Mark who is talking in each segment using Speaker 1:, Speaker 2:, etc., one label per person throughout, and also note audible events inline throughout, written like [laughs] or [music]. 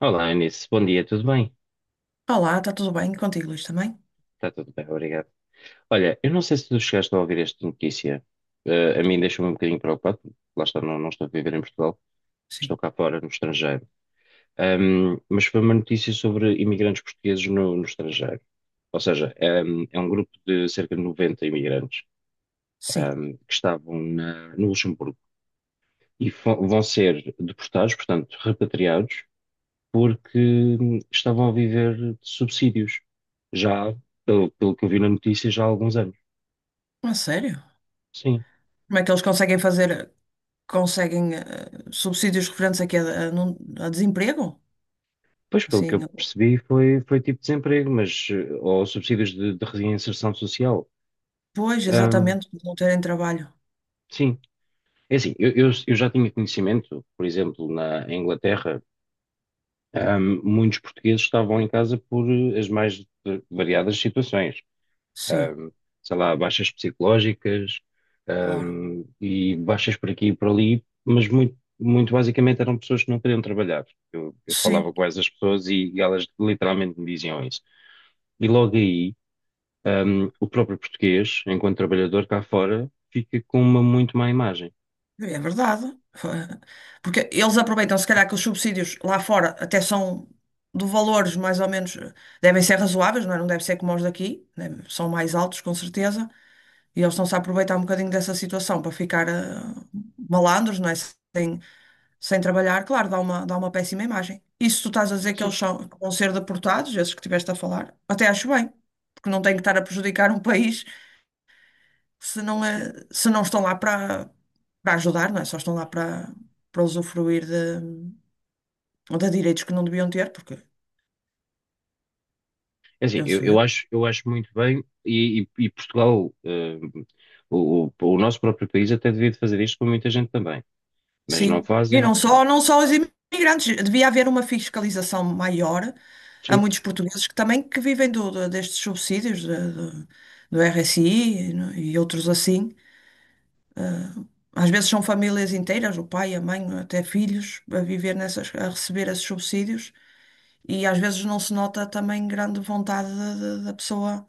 Speaker 1: Olá, Eunice. Bom dia, tudo bem?
Speaker 2: Olá, está tudo bem contigo, Luís, também?
Speaker 1: Está tudo bem, obrigado. Olha, eu não sei se tu chegaste a ouvir esta notícia. A mim deixou-me um bocadinho preocupado. Lá está, não estou a viver em Portugal,
Speaker 2: Sim.
Speaker 1: estou cá fora, no estrangeiro. Mas foi uma notícia sobre imigrantes portugueses no estrangeiro. Ou seja, é um grupo de cerca de 90 imigrantes,
Speaker 2: Sim.
Speaker 1: que estavam no Luxemburgo e vão ser deportados, portanto, repatriados porque estavam a viver de subsídios, já, pelo que eu vi na notícia, já há alguns anos.
Speaker 2: A sério?
Speaker 1: Sim.
Speaker 2: Como é que eles conseguem fazer, conseguem subsídios referentes aqui a, não- a desemprego?
Speaker 1: Pois, pelo que
Speaker 2: Assim,
Speaker 1: eu percebi, foi tipo desemprego, mas, ou subsídios de reinserção social.
Speaker 2: pois,
Speaker 1: Ahm,
Speaker 2: exatamente, por não terem trabalho.
Speaker 1: sim. É assim, eu já tinha conhecimento, por exemplo, na Inglaterra, muitos portugueses estavam em casa por as mais variadas situações.
Speaker 2: Sim,
Speaker 1: ahm, Sei lá, baixas psicológicas,
Speaker 2: claro.
Speaker 1: e baixas por aqui e por ali, mas muito, muito basicamente eram pessoas que não queriam trabalhar. Eu falava
Speaker 2: Sim,
Speaker 1: com essas pessoas e elas literalmente me diziam isso. E logo aí, o próprio português, enquanto trabalhador cá fora, fica com uma muito má imagem.
Speaker 2: é verdade. [laughs] Porque eles aproveitam, se calhar, que os subsídios lá fora até são de valores mais ou menos, devem ser razoáveis, não é? Não deve ser como os daqui, né? São mais altos, com certeza. E eles estão-se a aproveitar um bocadinho dessa situação para ficar malandros, não é? Sem trabalhar, claro, dá uma péssima imagem. E se tu estás a dizer que
Speaker 1: Sim,
Speaker 2: eles são, que vão ser deportados, esses que tiveste a falar, até acho bem, porque não tem que estar a prejudicar um país se não,
Speaker 1: sim.
Speaker 2: é, se não estão lá para ajudar, não é? Só estão lá para usufruir de direitos que não deviam ter, porque
Speaker 1: É assim, eu,
Speaker 2: penso
Speaker 1: eu
Speaker 2: eu.
Speaker 1: acho, eu acho muito bem, e, e Portugal, o nosso próprio país até devia de fazer isto com muita gente também, mas não
Speaker 2: Sim, e
Speaker 1: fazem,
Speaker 2: não só,
Speaker 1: pronto.
Speaker 2: não só os imigrantes, devia haver uma fiscalização maior a muitos portugueses que também que vivem destes subsídios do RSI e, e outros assim. Às vezes são famílias inteiras, o pai, a mãe, até filhos, a viver nessas, a receber esses subsídios e às vezes não se nota também grande vontade da pessoa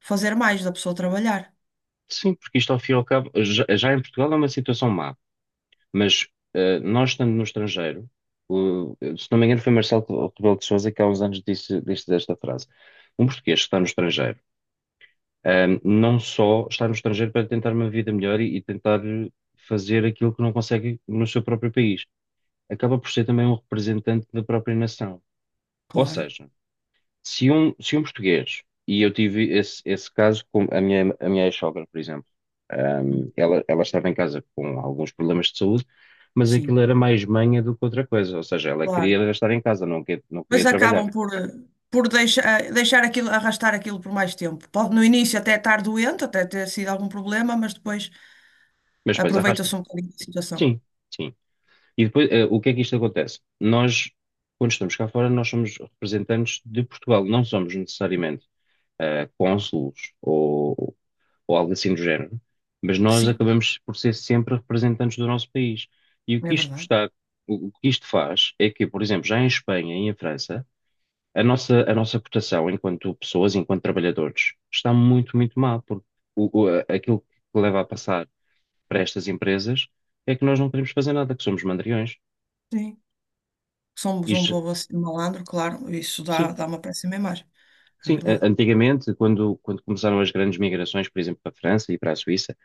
Speaker 2: fazer mais, da pessoa trabalhar.
Speaker 1: Sim, porque isto ao fim e ao cabo, já em Portugal é uma situação má, mas nós estando no estrangeiro, se não me engano foi Marcelo Rebelo de Sousa que há uns anos disse esta frase. Um português que está no estrangeiro, não só está no estrangeiro para tentar uma vida melhor e tentar fazer aquilo que não consegue no seu próprio país, acaba por ser também um representante da própria nação. Ou
Speaker 2: Claro.
Speaker 1: seja, se um português, e eu tive esse caso com a minha ex-sogra, por exemplo.
Speaker 2: Hum.
Speaker 1: Ela estava em casa com alguns problemas de saúde, mas
Speaker 2: Sim,
Speaker 1: aquilo era mais manha do que outra coisa, ou seja, ela queria
Speaker 2: claro.
Speaker 1: era estar em casa, não, não
Speaker 2: Mas
Speaker 1: queria
Speaker 2: acabam
Speaker 1: trabalhar.
Speaker 2: por deixar, deixar aquilo, arrastar aquilo por mais tempo. Pode no início até estar doente, até ter sido algum problema, mas depois
Speaker 1: Mas depois arrasta.
Speaker 2: aproveita-se um bocadinho da situação.
Speaker 1: Sim, sim. E depois, o que é que isto acontece? Nós, quando estamos cá fora, nós somos representantes de Portugal, não somos necessariamente cônsulos ou algo assim do género, mas nós
Speaker 2: Sim,
Speaker 1: acabamos por ser sempre representantes do nosso país. E o que
Speaker 2: é
Speaker 1: isto
Speaker 2: verdade.
Speaker 1: está, o que isto faz é que, por exemplo, já em Espanha e em França, a nossa cotação enquanto pessoas, enquanto trabalhadores, está muito, muito mal porque aquilo que leva a passar para estas empresas é que nós não queremos fazer nada, que somos mandriões.
Speaker 2: Sim. Somos
Speaker 1: E,
Speaker 2: um
Speaker 1: já-
Speaker 2: povo assim, malandro, claro,
Speaker 1: sim,
Speaker 2: dá uma péssima imagem. É
Speaker 1: sim,
Speaker 2: verdade.
Speaker 1: antigamente, quando, começaram as grandes migrações, por exemplo, para a França e para a Suíça.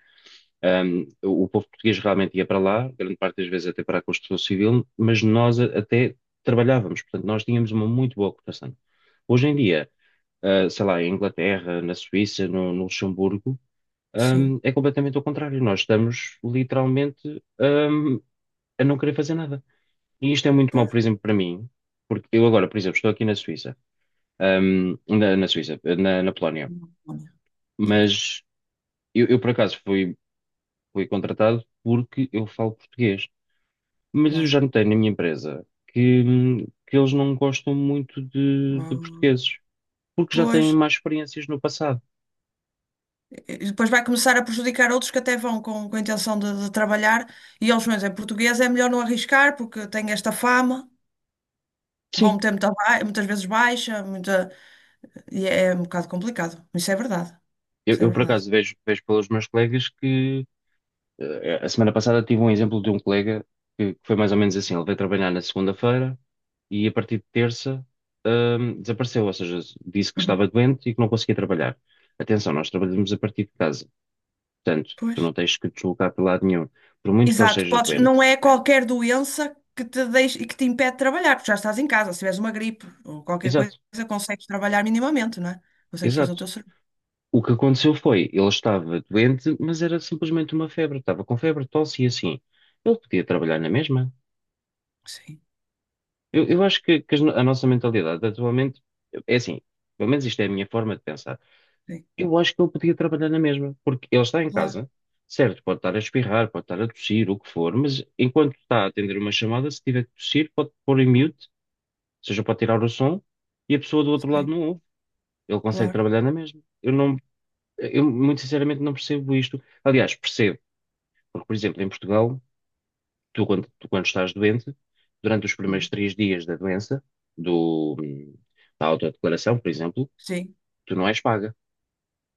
Speaker 1: O povo português realmente ia para lá, grande parte das vezes até para a construção civil, mas nós até trabalhávamos, portanto, nós tínhamos uma muito boa cotação. Hoje em dia, sei lá, em Inglaterra, na Suíça, no Luxemburgo,
Speaker 2: Sim.
Speaker 1: é completamente ao contrário. Nós estamos literalmente, a não querer fazer nada. E isto é muito mau,
Speaker 2: Pois.
Speaker 1: por exemplo, para mim, porque eu agora, por exemplo, estou aqui na Suíça, na Suíça, na Polónia,
Speaker 2: Olha. Sim,
Speaker 1: mas eu, por acaso fui contratado porque eu falo português. Mas eu
Speaker 2: claro.
Speaker 1: já notei na minha empresa que, eles não gostam muito de
Speaker 2: Hum.
Speaker 1: portugueses, porque já têm
Speaker 2: Pois,
Speaker 1: mais experiências no passado.
Speaker 2: e depois vai começar a prejudicar outros que até vão com a intenção de trabalhar e eles, mas é português, é melhor não arriscar porque tem esta fama. Vão
Speaker 1: Sim,
Speaker 2: meter muita muitas vezes baixa, muita... e é é um bocado complicado. Isso é verdade.
Speaker 1: eu,
Speaker 2: Isso é
Speaker 1: eu, por
Speaker 2: verdade.
Speaker 1: acaso vejo pelos meus colegas que a semana passada tive um exemplo de um colega que, foi mais ou menos assim. Ele veio trabalhar na segunda-feira e a partir de terça, desapareceu, ou seja, disse que
Speaker 2: Uhum.
Speaker 1: estava doente e que não conseguia trabalhar. Atenção, nós trabalhamos a partir de casa, portanto, tu
Speaker 2: Pois.
Speaker 1: não tens que te deslocar para lado nenhum, por muito que ele
Speaker 2: Exato.
Speaker 1: esteja
Speaker 2: Podes...
Speaker 1: doente.
Speaker 2: Não é qualquer doença que te deixe... e que te impede de trabalhar, porque já estás em casa. Se tiveres uma gripe ou qualquer coisa,
Speaker 1: Exato.
Speaker 2: consegues trabalhar minimamente, não é? Consegues fazer o
Speaker 1: Exato.
Speaker 2: teu serviço.
Speaker 1: O que aconteceu foi, ele estava doente, mas era simplesmente uma febre. Estava com febre, tosse e assim. Ele podia trabalhar na mesma.
Speaker 2: Sim,
Speaker 1: Eu acho que, as no- a nossa mentalidade atualmente é assim. Pelo menos isto é a minha forma de pensar.
Speaker 2: sim.
Speaker 1: Eu acho que ele podia trabalhar na mesma, porque ele está em
Speaker 2: Claro,
Speaker 1: casa, certo? Pode estar a espirrar, pode estar a tossir, o que for, mas enquanto está a atender uma chamada, se tiver que tossir, pode pôr em mute, ou seja, pode tirar o som e a pessoa do outro lado
Speaker 2: sim,
Speaker 1: não ouve. Ele consegue
Speaker 2: claro.
Speaker 1: trabalhar na mesma. Eu não, eu muito sinceramente não percebo isto. Aliás, percebo porque, por exemplo, em Portugal, tu quando estás doente, durante os primeiros
Speaker 2: Uhum.
Speaker 1: 3 dias da doença, do, da autodeclaração, por exemplo,
Speaker 2: Sim,
Speaker 1: tu não és paga.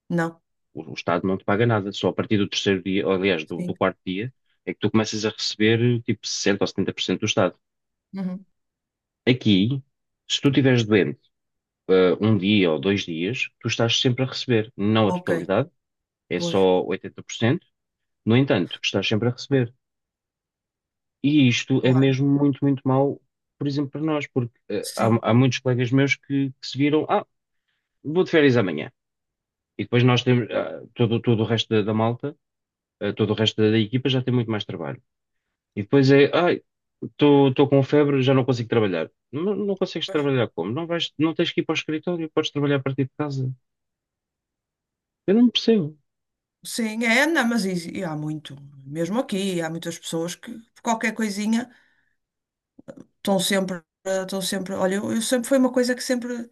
Speaker 2: não.
Speaker 1: O Estado não te paga nada. Só a partir do terceiro dia, ou, aliás, do
Speaker 2: Sim.
Speaker 1: quarto dia, é que tu começas a receber tipo 60 ou 70% do Estado.
Speaker 2: Uhum.
Speaker 1: Aqui, se tu estiveres doente, um dia ou 2 dias, tu estás sempre a receber. Não a
Speaker 2: Ok,
Speaker 1: totalidade, é
Speaker 2: pois.
Speaker 1: só 80%. No entanto, estás sempre a receber. E isto é
Speaker 2: Claro.
Speaker 1: mesmo muito, muito mau, por exemplo, para nós, porque
Speaker 2: Sim,
Speaker 1: há muitos colegas meus que, se viram, vou de férias amanhã. E depois nós temos, todo, o resto da malta, todo o resto da equipa já tem muito mais trabalho. E depois é, ai, estou com febre, já não consigo trabalhar. Não, não consegues trabalhar como? Não vais, não tens que ir para o escritório, podes trabalhar a partir de casa. Eu não percebo.
Speaker 2: sim, é, não, mas isso- e há muito, mesmo aqui, há muitas pessoas que por qualquer coisinha. Estão sempre, estão sempre, olha, eu sempre foi uma coisa que sempre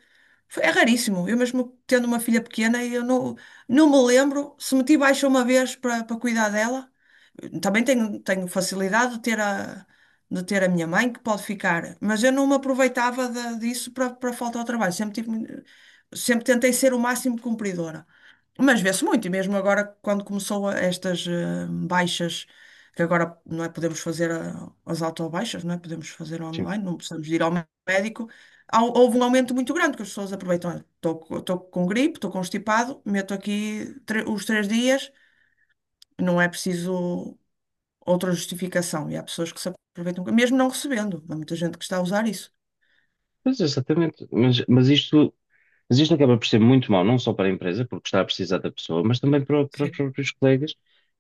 Speaker 2: é raríssimo. Eu mesmo tendo uma filha pequena, eu não, não me lembro se meti baixa uma vez para cuidar dela. Também tenho facilidade de ter de ter a minha mãe que pode ficar, mas eu não me aproveitava disso para falta ao trabalho. Sempre tive, sempre tentei ser o máximo cumpridora. Mas vê-se muito, e mesmo agora, quando estas baixas, que agora não é podemos fazer as autobaixas, não é? Podemos fazer online, não precisamos de ir ao médico. Houve um aumento muito grande que as pessoas aproveitam. Olha, estou com gripe, estou constipado, meto aqui os três dias, não é preciso outra justificação. E há pessoas que se aproveitam, mesmo não recebendo. Há muita gente que está a usar isso.
Speaker 1: Pois, exatamente. Mas isto acaba por ser muito mau, não só para a empresa, porque está a precisar da pessoa, mas também para os
Speaker 2: Sim,
Speaker 1: próprios colegas.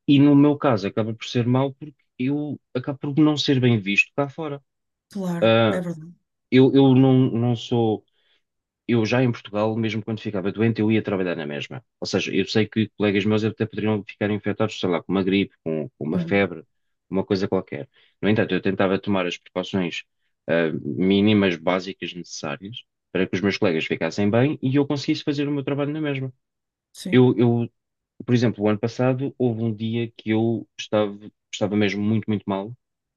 Speaker 1: E no meu caso, acaba por ser mau porque eu acabo por não ser bem visto cá fora.
Speaker 2: claro, é
Speaker 1: Ah,
Speaker 2: verdade.
Speaker 1: eu, não, sou eu já em Portugal, mesmo quando ficava doente, eu ia trabalhar na mesma. Ou seja, eu sei que colegas meus até poderiam ficar infectados, sei lá, com uma gripe, com uma
Speaker 2: Uhum.
Speaker 1: febre, uma coisa qualquer. No entanto, eu tentava tomar as precauções, mínimas, básicas, necessárias para que os meus colegas ficassem bem e eu conseguisse fazer o meu trabalho na mesma.
Speaker 2: Sim,
Speaker 1: Eu, por exemplo, o ano passado, houve um dia que eu estava, mesmo muito, muito mal,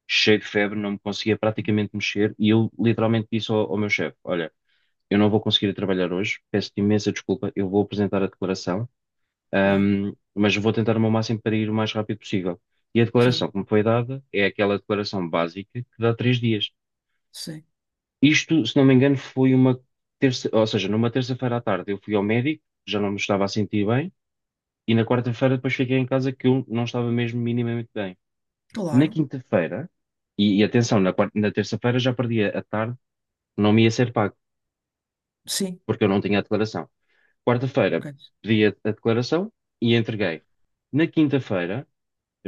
Speaker 1: cheio de febre, não me conseguia praticamente mexer e eu literalmente disse ao meu chefe: olha, eu não vou conseguir ir trabalhar hoje, peço-te imensa desculpa, eu vou apresentar a declaração,
Speaker 2: claro,
Speaker 1: mas vou tentar o meu máximo para ir o mais rápido possível. E a
Speaker 2: sim,
Speaker 1: declaração que me foi dada é aquela declaração básica que dá 3 dias.
Speaker 2: sim,
Speaker 1: Isto, se não me engano, foi uma terça, ou seja, numa terça-feira à tarde eu fui ao médico, já não me estava a sentir bem, e na quarta-feira depois fiquei em casa que eu não estava mesmo minimamente bem. Na
Speaker 2: claro,
Speaker 1: quinta-feira, e atenção, na terça-feira já perdi a tarde, não me ia ser pago,
Speaker 2: sim,
Speaker 1: porque eu não tinha a declaração. Quarta-feira
Speaker 2: ok,
Speaker 1: pedi a declaração e a entreguei. Na quinta-feira,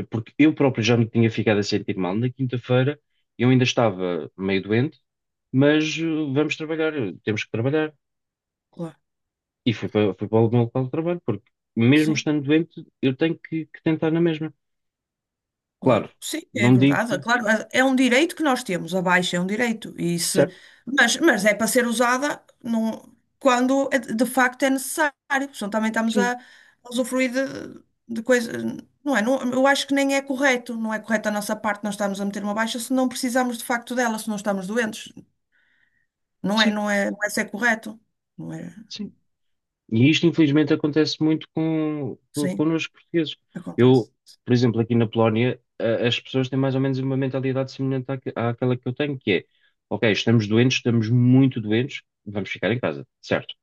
Speaker 1: porque eu próprio já me tinha ficado a sentir mal, na quinta-feira eu ainda estava meio doente, mas vamos trabalhar, temos que trabalhar.
Speaker 2: claro,
Speaker 1: E fui para, o meu local de trabalho, porque mesmo
Speaker 2: sim.
Speaker 1: estando doente, eu tenho que, tentar na mesma. Claro,
Speaker 2: Claro. Sim, é
Speaker 1: não
Speaker 2: verdade. É
Speaker 1: digo
Speaker 2: claro, é é um direito que nós temos, a baixa é um direito. E se...
Speaker 1: certo,
Speaker 2: mas é para ser usada quando é de facto é necessário. Senão também estamos
Speaker 1: sim,
Speaker 2: a usufruir de coisas. Não é? Eu acho que nem é correto. Não é correto da nossa parte nós estarmos a meter uma baixa se não precisamos de facto dela, se não estamos doentes. Não é,
Speaker 1: sim,
Speaker 2: não é, não é ser correto. Não é?
Speaker 1: sim. E isto, infelizmente, acontece muito
Speaker 2: Sim,
Speaker 1: connosco portugueses.
Speaker 2: acontece.
Speaker 1: Eu, por exemplo, aqui na Polónia, as pessoas têm mais ou menos uma mentalidade semelhante àquela que eu tenho, que é, ok, estamos doentes, estamos muito doentes, vamos ficar em casa, certo?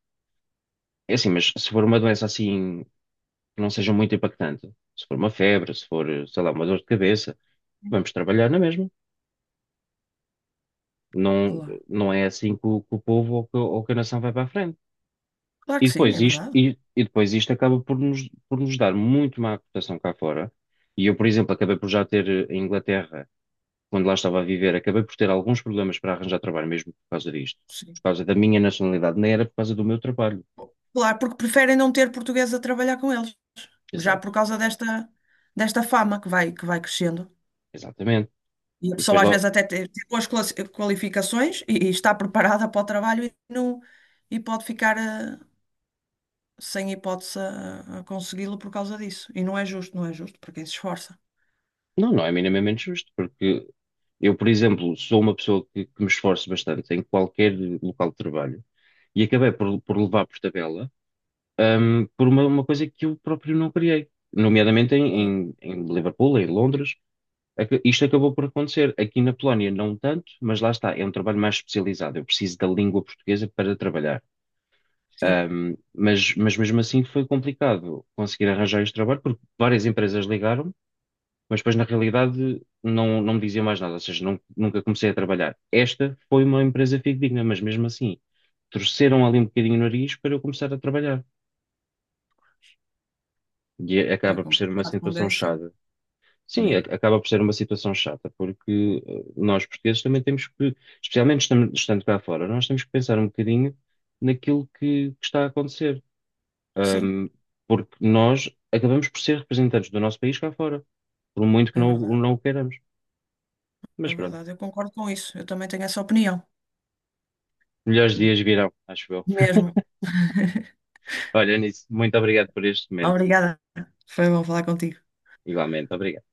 Speaker 1: É assim, mas se for uma doença assim, que não seja muito impactante, se for uma febre, se for, sei lá, uma dor de cabeça, vamos trabalhar na mesma. Não,
Speaker 2: Claro.
Speaker 1: não é assim que o povo ou ou que a nação vai para a frente.
Speaker 2: Claro
Speaker 1: E
Speaker 2: que sim,
Speaker 1: depois
Speaker 2: é
Speaker 1: isto,
Speaker 2: verdade.
Speaker 1: e, e depois isto acaba por nos dar muito má cotação cá fora. E eu, por exemplo, acabei por já ter em Inglaterra, quando lá estava a viver, acabei por ter alguns problemas para arranjar trabalho mesmo por causa disto.
Speaker 2: Sim.
Speaker 1: Por causa da minha nacionalidade, nem era por causa do meu trabalho.
Speaker 2: Claro, porque preferem não ter português a trabalhar com eles. Já
Speaker 1: Exato,
Speaker 2: por causa desta fama que vai crescendo.
Speaker 1: exatamente.
Speaker 2: E a
Speaker 1: E depois
Speaker 2: pessoa às
Speaker 1: lá,
Speaker 2: vezes até tem tem boas qualificações e está preparada para o trabalho e, não, e pode ficar sem hipótese a consegui-lo por causa disso. E não é justo, não é justo para quem se esforça.
Speaker 1: não, não é minimamente justo, porque eu, por exemplo, sou uma pessoa que, me esforço bastante em qualquer local de trabalho e acabei por levar por tabela por uma coisa que eu próprio não criei, nomeadamente
Speaker 2: Cla-
Speaker 1: em Liverpool, em Londres. Isto acabou por acontecer. Aqui na Polónia, não tanto, mas lá está, é um trabalho mais especializado. Eu preciso da língua portuguesa para trabalhar.
Speaker 2: Sim,
Speaker 1: Mas mesmo assim foi complicado conseguir arranjar este trabalho, porque várias empresas ligaram, mas depois na realidade não me diziam mais nada, ou seja, nunca comecei a trabalhar. Esta foi uma empresa fidedigna, mas mesmo assim torceram ali um bocadinho o nariz para eu começar a trabalhar. E
Speaker 2: é
Speaker 1: acaba por ser uma
Speaker 2: complicado quando é
Speaker 1: situação
Speaker 2: assim
Speaker 1: chata. Sim,
Speaker 2: mesmo.
Speaker 1: acaba por ser uma situação chata, porque nós portugueses também temos que, especialmente estando cá fora, nós temos que pensar um bocadinho naquilo que, está a acontecer.
Speaker 2: Sim,
Speaker 1: Ahm, Porque nós acabamos por ser representantes do nosso país cá fora, por muito que
Speaker 2: é
Speaker 1: não,
Speaker 2: verdade.
Speaker 1: não o queiramos.
Speaker 2: É
Speaker 1: Mas pronto,
Speaker 2: verdade, eu concordo com isso. Eu também tenho essa opinião.
Speaker 1: melhores dias virão, acho eu.
Speaker 2: Mesmo. [laughs]
Speaker 1: [laughs] Olha, nisso, muito obrigado por este momento.
Speaker 2: Obrigada. Foi bom falar contigo.
Speaker 1: Igualmente, obrigado.